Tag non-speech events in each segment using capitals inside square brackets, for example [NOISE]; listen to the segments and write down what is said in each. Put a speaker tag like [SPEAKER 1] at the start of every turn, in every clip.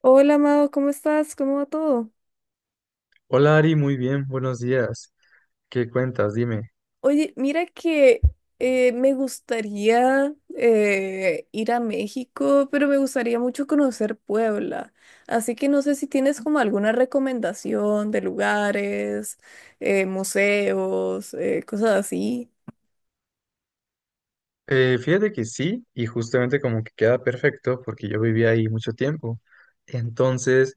[SPEAKER 1] Hola, Amado, ¿cómo estás? ¿Cómo va todo?
[SPEAKER 2] Hola Ari, muy bien, buenos días. ¿Qué cuentas? Dime.
[SPEAKER 1] Oye, mira que me gustaría ir a México, pero me gustaría mucho conocer Puebla. Así que no sé si tienes como alguna recomendación de lugares, museos, cosas así.
[SPEAKER 2] Fíjate que sí, y justamente como que queda perfecto porque yo viví ahí mucho tiempo. Entonces,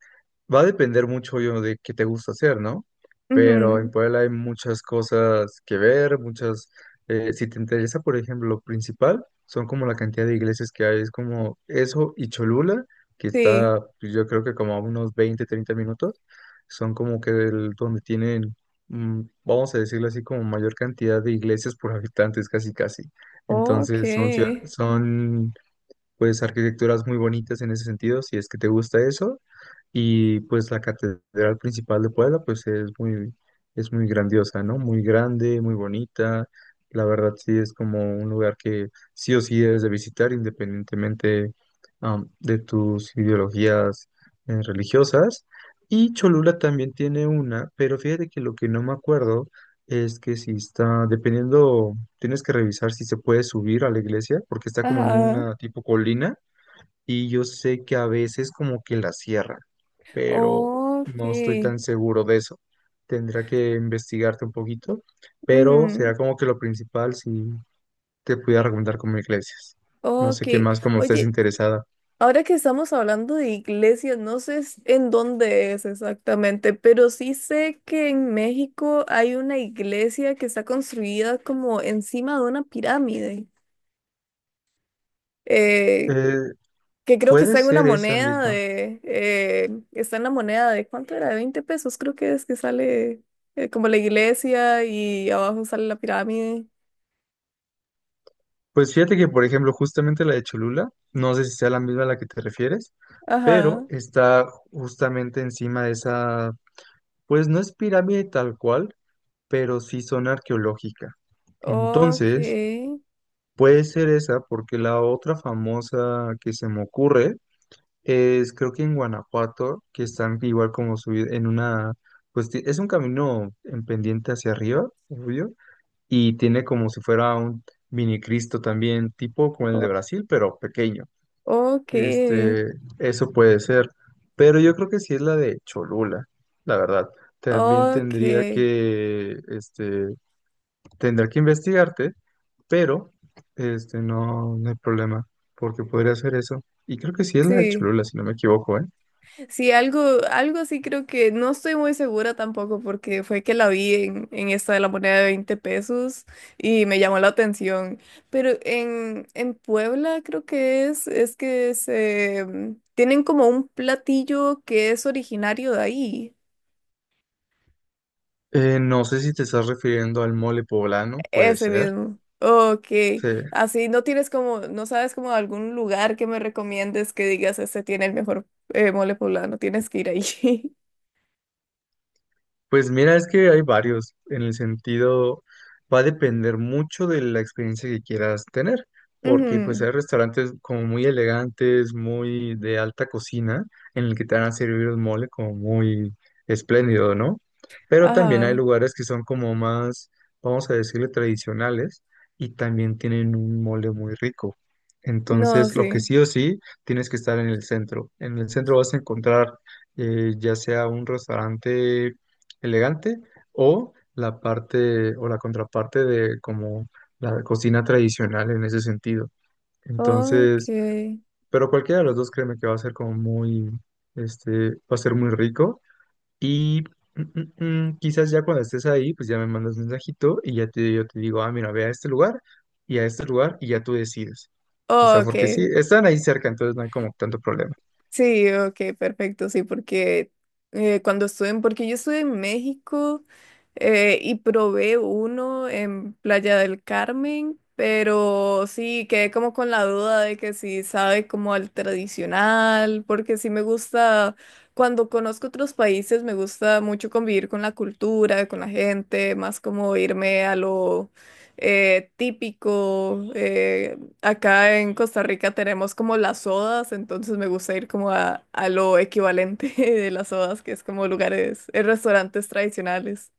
[SPEAKER 2] va a depender mucho yo de qué te gusta hacer, ¿no? Pero en
[SPEAKER 1] Ujú.
[SPEAKER 2] Puebla hay muchas cosas que ver, muchas, si te interesa, por ejemplo, lo principal, son como la cantidad de iglesias que hay, es como eso y Cholula, que
[SPEAKER 1] Sí.
[SPEAKER 2] está pues, yo creo que como a unos 20 o 30 minutos, son como que donde tienen, vamos a decirlo así, como mayor cantidad de iglesias por habitantes, casi, casi.
[SPEAKER 1] Ok.
[SPEAKER 2] Entonces son, son pues arquitecturas muy bonitas en ese sentido, si es que te gusta eso. Y pues la catedral principal de Puebla pues es muy grandiosa, ¿no? Muy grande, muy bonita. La verdad sí es como un lugar que sí o sí debes de visitar independientemente de tus ideologías religiosas. Y Cholula también tiene una, pero fíjate que lo que no me acuerdo es que si está, dependiendo. Tienes que revisar si se puede subir a la iglesia porque está como en
[SPEAKER 1] Ajá.
[SPEAKER 2] una tipo colina y yo sé que a veces como que la cierran, pero no estoy
[SPEAKER 1] Ok.
[SPEAKER 2] tan seguro de eso. Tendría que investigarte un poquito, pero
[SPEAKER 1] Ujú.
[SPEAKER 2] será como que lo principal si te pudiera recomendar como iglesias. No sé
[SPEAKER 1] Ok.
[SPEAKER 2] qué más como estés
[SPEAKER 1] Oye,
[SPEAKER 2] interesada.
[SPEAKER 1] ahora que estamos hablando de iglesias, no sé en dónde es exactamente, pero sí sé que en México hay una iglesia que está construida como encima de una pirámide, eh,
[SPEAKER 2] Eh,
[SPEAKER 1] que creo que
[SPEAKER 2] Puede
[SPEAKER 1] está en una
[SPEAKER 2] ser esa
[SPEAKER 1] moneda
[SPEAKER 2] misma.
[SPEAKER 1] de, está en la moneda de, ¿cuánto era? De 20 pesos, creo que es que sale como la iglesia y abajo sale la pirámide.
[SPEAKER 2] Pues fíjate que, por ejemplo, justamente la de Cholula, no sé si sea la misma a la que te refieres,
[SPEAKER 1] Ajá.
[SPEAKER 2] pero está justamente encima de esa. Pues no es pirámide tal cual, pero sí zona arqueológica.
[SPEAKER 1] Ok.
[SPEAKER 2] Entonces, puede ser esa, porque la otra famosa que se me ocurre es, creo que en Guanajuato, que están igual como subir en una, pues es un camino en pendiente hacia arriba, obvio, y tiene como si fuera un mini Cristo también, tipo como el de
[SPEAKER 1] o-
[SPEAKER 2] Brasil, pero pequeño.
[SPEAKER 1] Ok.
[SPEAKER 2] Este, eso puede ser, pero yo creo que sí es la de Cholula, la verdad. También
[SPEAKER 1] Ok.
[SPEAKER 2] tendría que, este, tendría que investigarte, pero, este, no, no hay problema, porque podría hacer eso. Y creo que sí es la de
[SPEAKER 1] Sí,
[SPEAKER 2] Cholula, si no me equivoco, ¿eh?
[SPEAKER 1] sí, algo, algo sí creo que no estoy muy segura tampoco porque fue que la vi en esta de la moneda de 20 pesos y me llamó la atención. Pero en Puebla creo que es que se tienen como un platillo que es originario de ahí.
[SPEAKER 2] No sé si te estás refiriendo al mole poblano, puede
[SPEAKER 1] Ese
[SPEAKER 2] ser.
[SPEAKER 1] mismo. Ok.
[SPEAKER 2] Sí.
[SPEAKER 1] Así no tienes como, no sabes como algún lugar que me recomiendes que digas este tiene el mejor mole poblano, tienes que ir ahí.
[SPEAKER 2] Pues mira, es que hay varios, en el sentido, va a depender mucho de la experiencia que quieras tener,
[SPEAKER 1] [LAUGHS]
[SPEAKER 2] porque pues
[SPEAKER 1] Ujú.
[SPEAKER 2] hay restaurantes como muy elegantes, muy de alta cocina, en el que te van a servir el mole como muy espléndido, ¿no? Pero también hay
[SPEAKER 1] Ajá.
[SPEAKER 2] lugares que son como más, vamos a decirle, tradicionales y también tienen un mole muy rico.
[SPEAKER 1] No,
[SPEAKER 2] Entonces, lo
[SPEAKER 1] sí.
[SPEAKER 2] que sí o sí, tienes que estar en el centro. En el centro vas a encontrar ya sea un restaurante elegante o la parte o la contraparte de como la cocina tradicional en ese sentido. Entonces,
[SPEAKER 1] Okay,
[SPEAKER 2] pero cualquiera de los dos créeme que va a ser como muy, este, va a ser muy rico y mm, quizás ya cuando estés ahí, pues ya me mandas mensajito y ya te, yo te digo, ah, mira, ve a este lugar y a este lugar y ya tú decides. O sea, porque sí,
[SPEAKER 1] okay,
[SPEAKER 2] están ahí cerca, entonces no hay como tanto problema.
[SPEAKER 1] sí, okay, perfecto, sí, porque cuando estuve en, porque yo estuve en México y probé uno en Playa del Carmen, pero sí, quedé como con la duda de que si sabe como al tradicional, porque sí me gusta, cuando conozco otros países me gusta mucho convivir con la cultura, con la gente, más como irme a lo típico. Eh, acá en Costa Rica tenemos como las sodas, entonces me gusta ir como a lo equivalente [LAUGHS] de las sodas, que es como lugares, restaurantes tradicionales.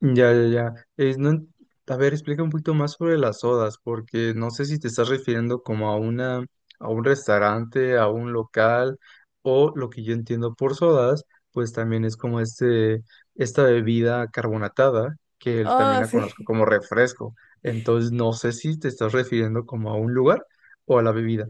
[SPEAKER 2] Ya, ya, ya. Es, no, a ver, explica un poquito más sobre las sodas, porque no sé si te estás refiriendo como a una, a un restaurante, a un local, o lo que yo entiendo por sodas, pues también es como este, esta bebida carbonatada, que también
[SPEAKER 1] Ah,
[SPEAKER 2] la conozco
[SPEAKER 1] sí.
[SPEAKER 2] como refresco. Entonces, no sé si te estás refiriendo como a un lugar o a la bebida.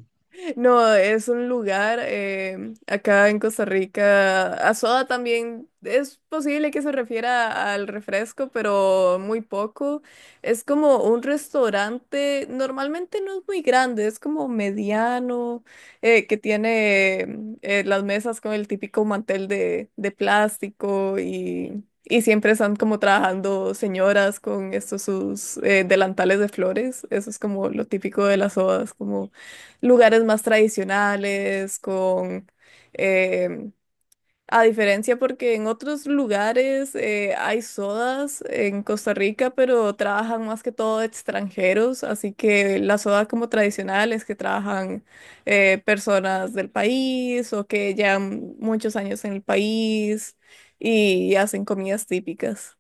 [SPEAKER 1] No, es un lugar, acá en Costa Rica. A soda también es posible que se refiera al refresco, pero muy poco. Es como un restaurante, normalmente no es muy grande, es como mediano, que tiene las mesas con el típico mantel de plástico y siempre están como trabajando señoras con estos sus delantales de flores. Eso es como lo típico de las sodas, como lugares más tradicionales, con em, a diferencia porque en otros lugares hay sodas en Costa Rica, pero trabajan más que todo extranjeros, así que la soda como tradicional es que trabajan personas del país o que llevan muchos años en el país y hacen comidas típicas.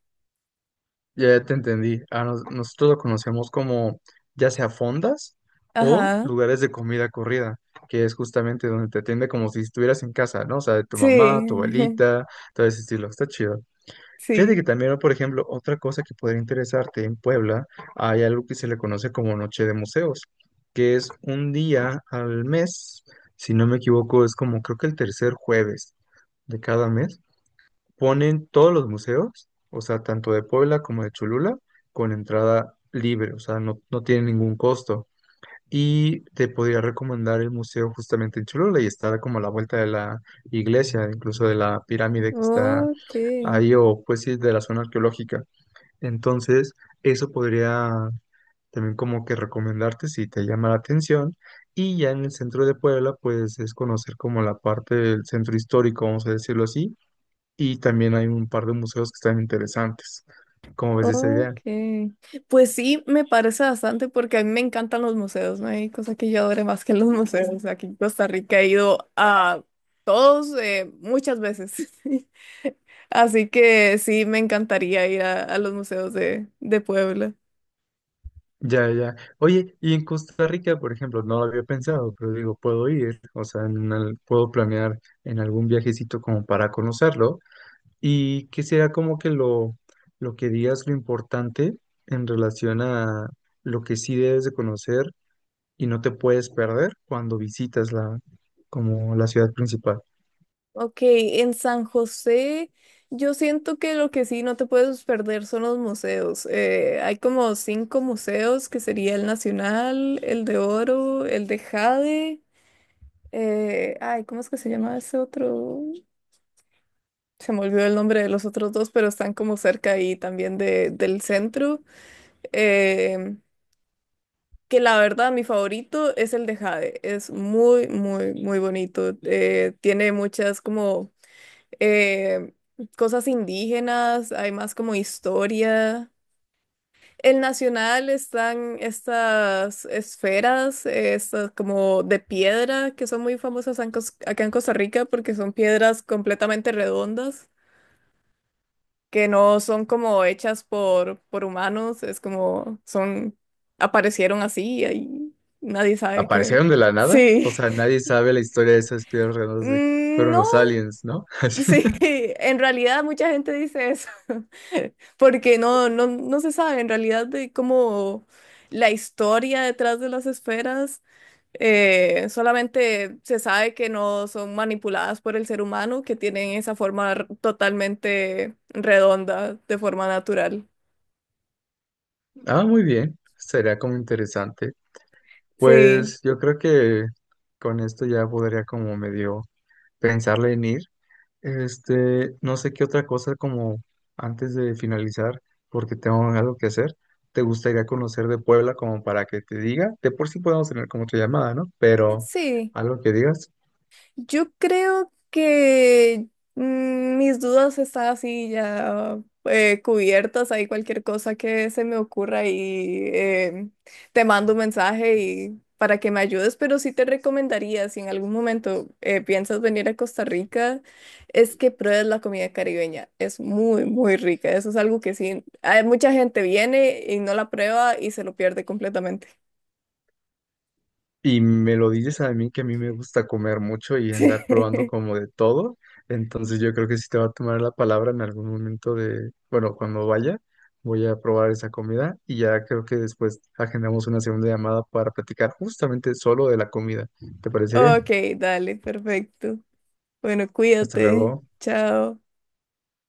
[SPEAKER 2] Ya te entendí. A nosotros lo conocemos como ya sea fondas o
[SPEAKER 1] Ajá,
[SPEAKER 2] lugares de comida corrida, que es justamente donde te atiende como si estuvieras en casa, ¿no? O sea, de tu
[SPEAKER 1] sí,
[SPEAKER 2] mamá, tu abuelita, todo ese estilo. Está chido. Fíjate
[SPEAKER 1] [LAUGHS] sí.
[SPEAKER 2] que también, por ejemplo, otra cosa que podría interesarte en Puebla, hay algo que se le conoce como Noche de Museos, que es un día al mes, si no me equivoco, es como creo que el 3.er jueves de cada mes ponen todos los museos, o sea, tanto de Puebla como de Cholula, con entrada libre, o sea, no, no tiene ningún costo. Y te podría recomendar el museo justamente en Cholula y está como a la vuelta de la iglesia, incluso de la pirámide que está
[SPEAKER 1] Ok.
[SPEAKER 2] ahí, o pues sí, de la zona arqueológica. Entonces, eso podría también como que recomendarte si te llama la atención. Y ya en el centro de Puebla, pues es conocer como la parte del centro histórico, vamos a decirlo así, y también hay un par de museos que están interesantes. ¿Cómo ves esa
[SPEAKER 1] Ok.
[SPEAKER 2] idea?
[SPEAKER 1] Pues sí, me parece bastante porque a mí me encantan los museos, no hay cosa que yo adore más que los [LAUGHS] museos. Aquí en Costa Rica he ido a todos, muchas veces, [LAUGHS] así que sí, me encantaría ir a los museos de Puebla.
[SPEAKER 2] Ya, ya. Oye, y en Costa Rica, por ejemplo, no lo había pensado, pero digo, puedo ir, o sea, en puedo planear en algún viajecito como para conocerlo. Y que será como que lo que digas lo importante en relación a lo que sí debes de conocer y no te puedes perder cuando visitas la, como la ciudad principal.
[SPEAKER 1] Ok, en San José yo siento que lo que sí no te puedes perder son los museos. Hay como cinco museos que sería el Nacional, el de Oro, el de Jade. Ay, ¿cómo es que se llama ese otro? Se me olvidó el nombre de los otros dos, pero están como cerca ahí también de, del centro. Eh, que la verdad, mi favorito es el de Jade. Es muy, muy, muy bonito. Tiene muchas como eh, cosas indígenas, hay más como historia. El Nacional están estas esferas, estas como de piedra, que son muy famosas en acá en Costa Rica porque son piedras completamente redondas, que no son como hechas por humanos, es como son, aparecieron así y ahí nadie sabe qué.
[SPEAKER 2] Aparecieron de la nada. O
[SPEAKER 1] Sí.
[SPEAKER 2] sea,
[SPEAKER 1] [LAUGHS]
[SPEAKER 2] nadie sabe la historia de esas piedras redondas de
[SPEAKER 1] Mm,
[SPEAKER 2] fueron
[SPEAKER 1] no.
[SPEAKER 2] los aliens, ¿no? [LAUGHS] Así.
[SPEAKER 1] Sí, [LAUGHS] en realidad mucha gente dice eso, [LAUGHS] porque no, no, no se sabe en realidad de cómo la historia detrás de las esferas, solamente se sabe que no son manipuladas por el ser humano, que tienen esa forma totalmente redonda, de forma natural.
[SPEAKER 2] Ah, muy bien. Sería como interesante.
[SPEAKER 1] Sí,
[SPEAKER 2] Pues yo creo que con esto ya podría como medio pensarle en ir. Este, no sé qué otra cosa como antes de finalizar, porque tengo algo que hacer. ¿Te gustaría conocer de Puebla como para que te diga? De por sí podemos tener como otra llamada, ¿no? Pero
[SPEAKER 1] sí.
[SPEAKER 2] algo que digas.
[SPEAKER 1] Yo creo que mis dudas están así ya cubiertas. Hay cualquier cosa que se me ocurra y te mando un mensaje y para que me ayudes. Pero sí te recomendaría, si en algún momento piensas venir a Costa Rica, es que pruebes la comida caribeña. Es muy, muy rica. Eso es algo que sí, hay mucha gente viene y no la prueba y se lo pierde completamente.
[SPEAKER 2] Y me lo dices a mí que a mí me gusta comer mucho y andar probando
[SPEAKER 1] [LAUGHS]
[SPEAKER 2] como de todo. Entonces yo creo que sí te va a tomar la palabra en algún momento de, bueno, cuando vaya, voy a probar esa comida y ya creo que después agendamos una 2.ª llamada para platicar justamente solo de la comida. ¿Te parece
[SPEAKER 1] Ok,
[SPEAKER 2] bien?
[SPEAKER 1] dale, perfecto. Bueno,
[SPEAKER 2] Hasta
[SPEAKER 1] cuídate.
[SPEAKER 2] luego.
[SPEAKER 1] Chao.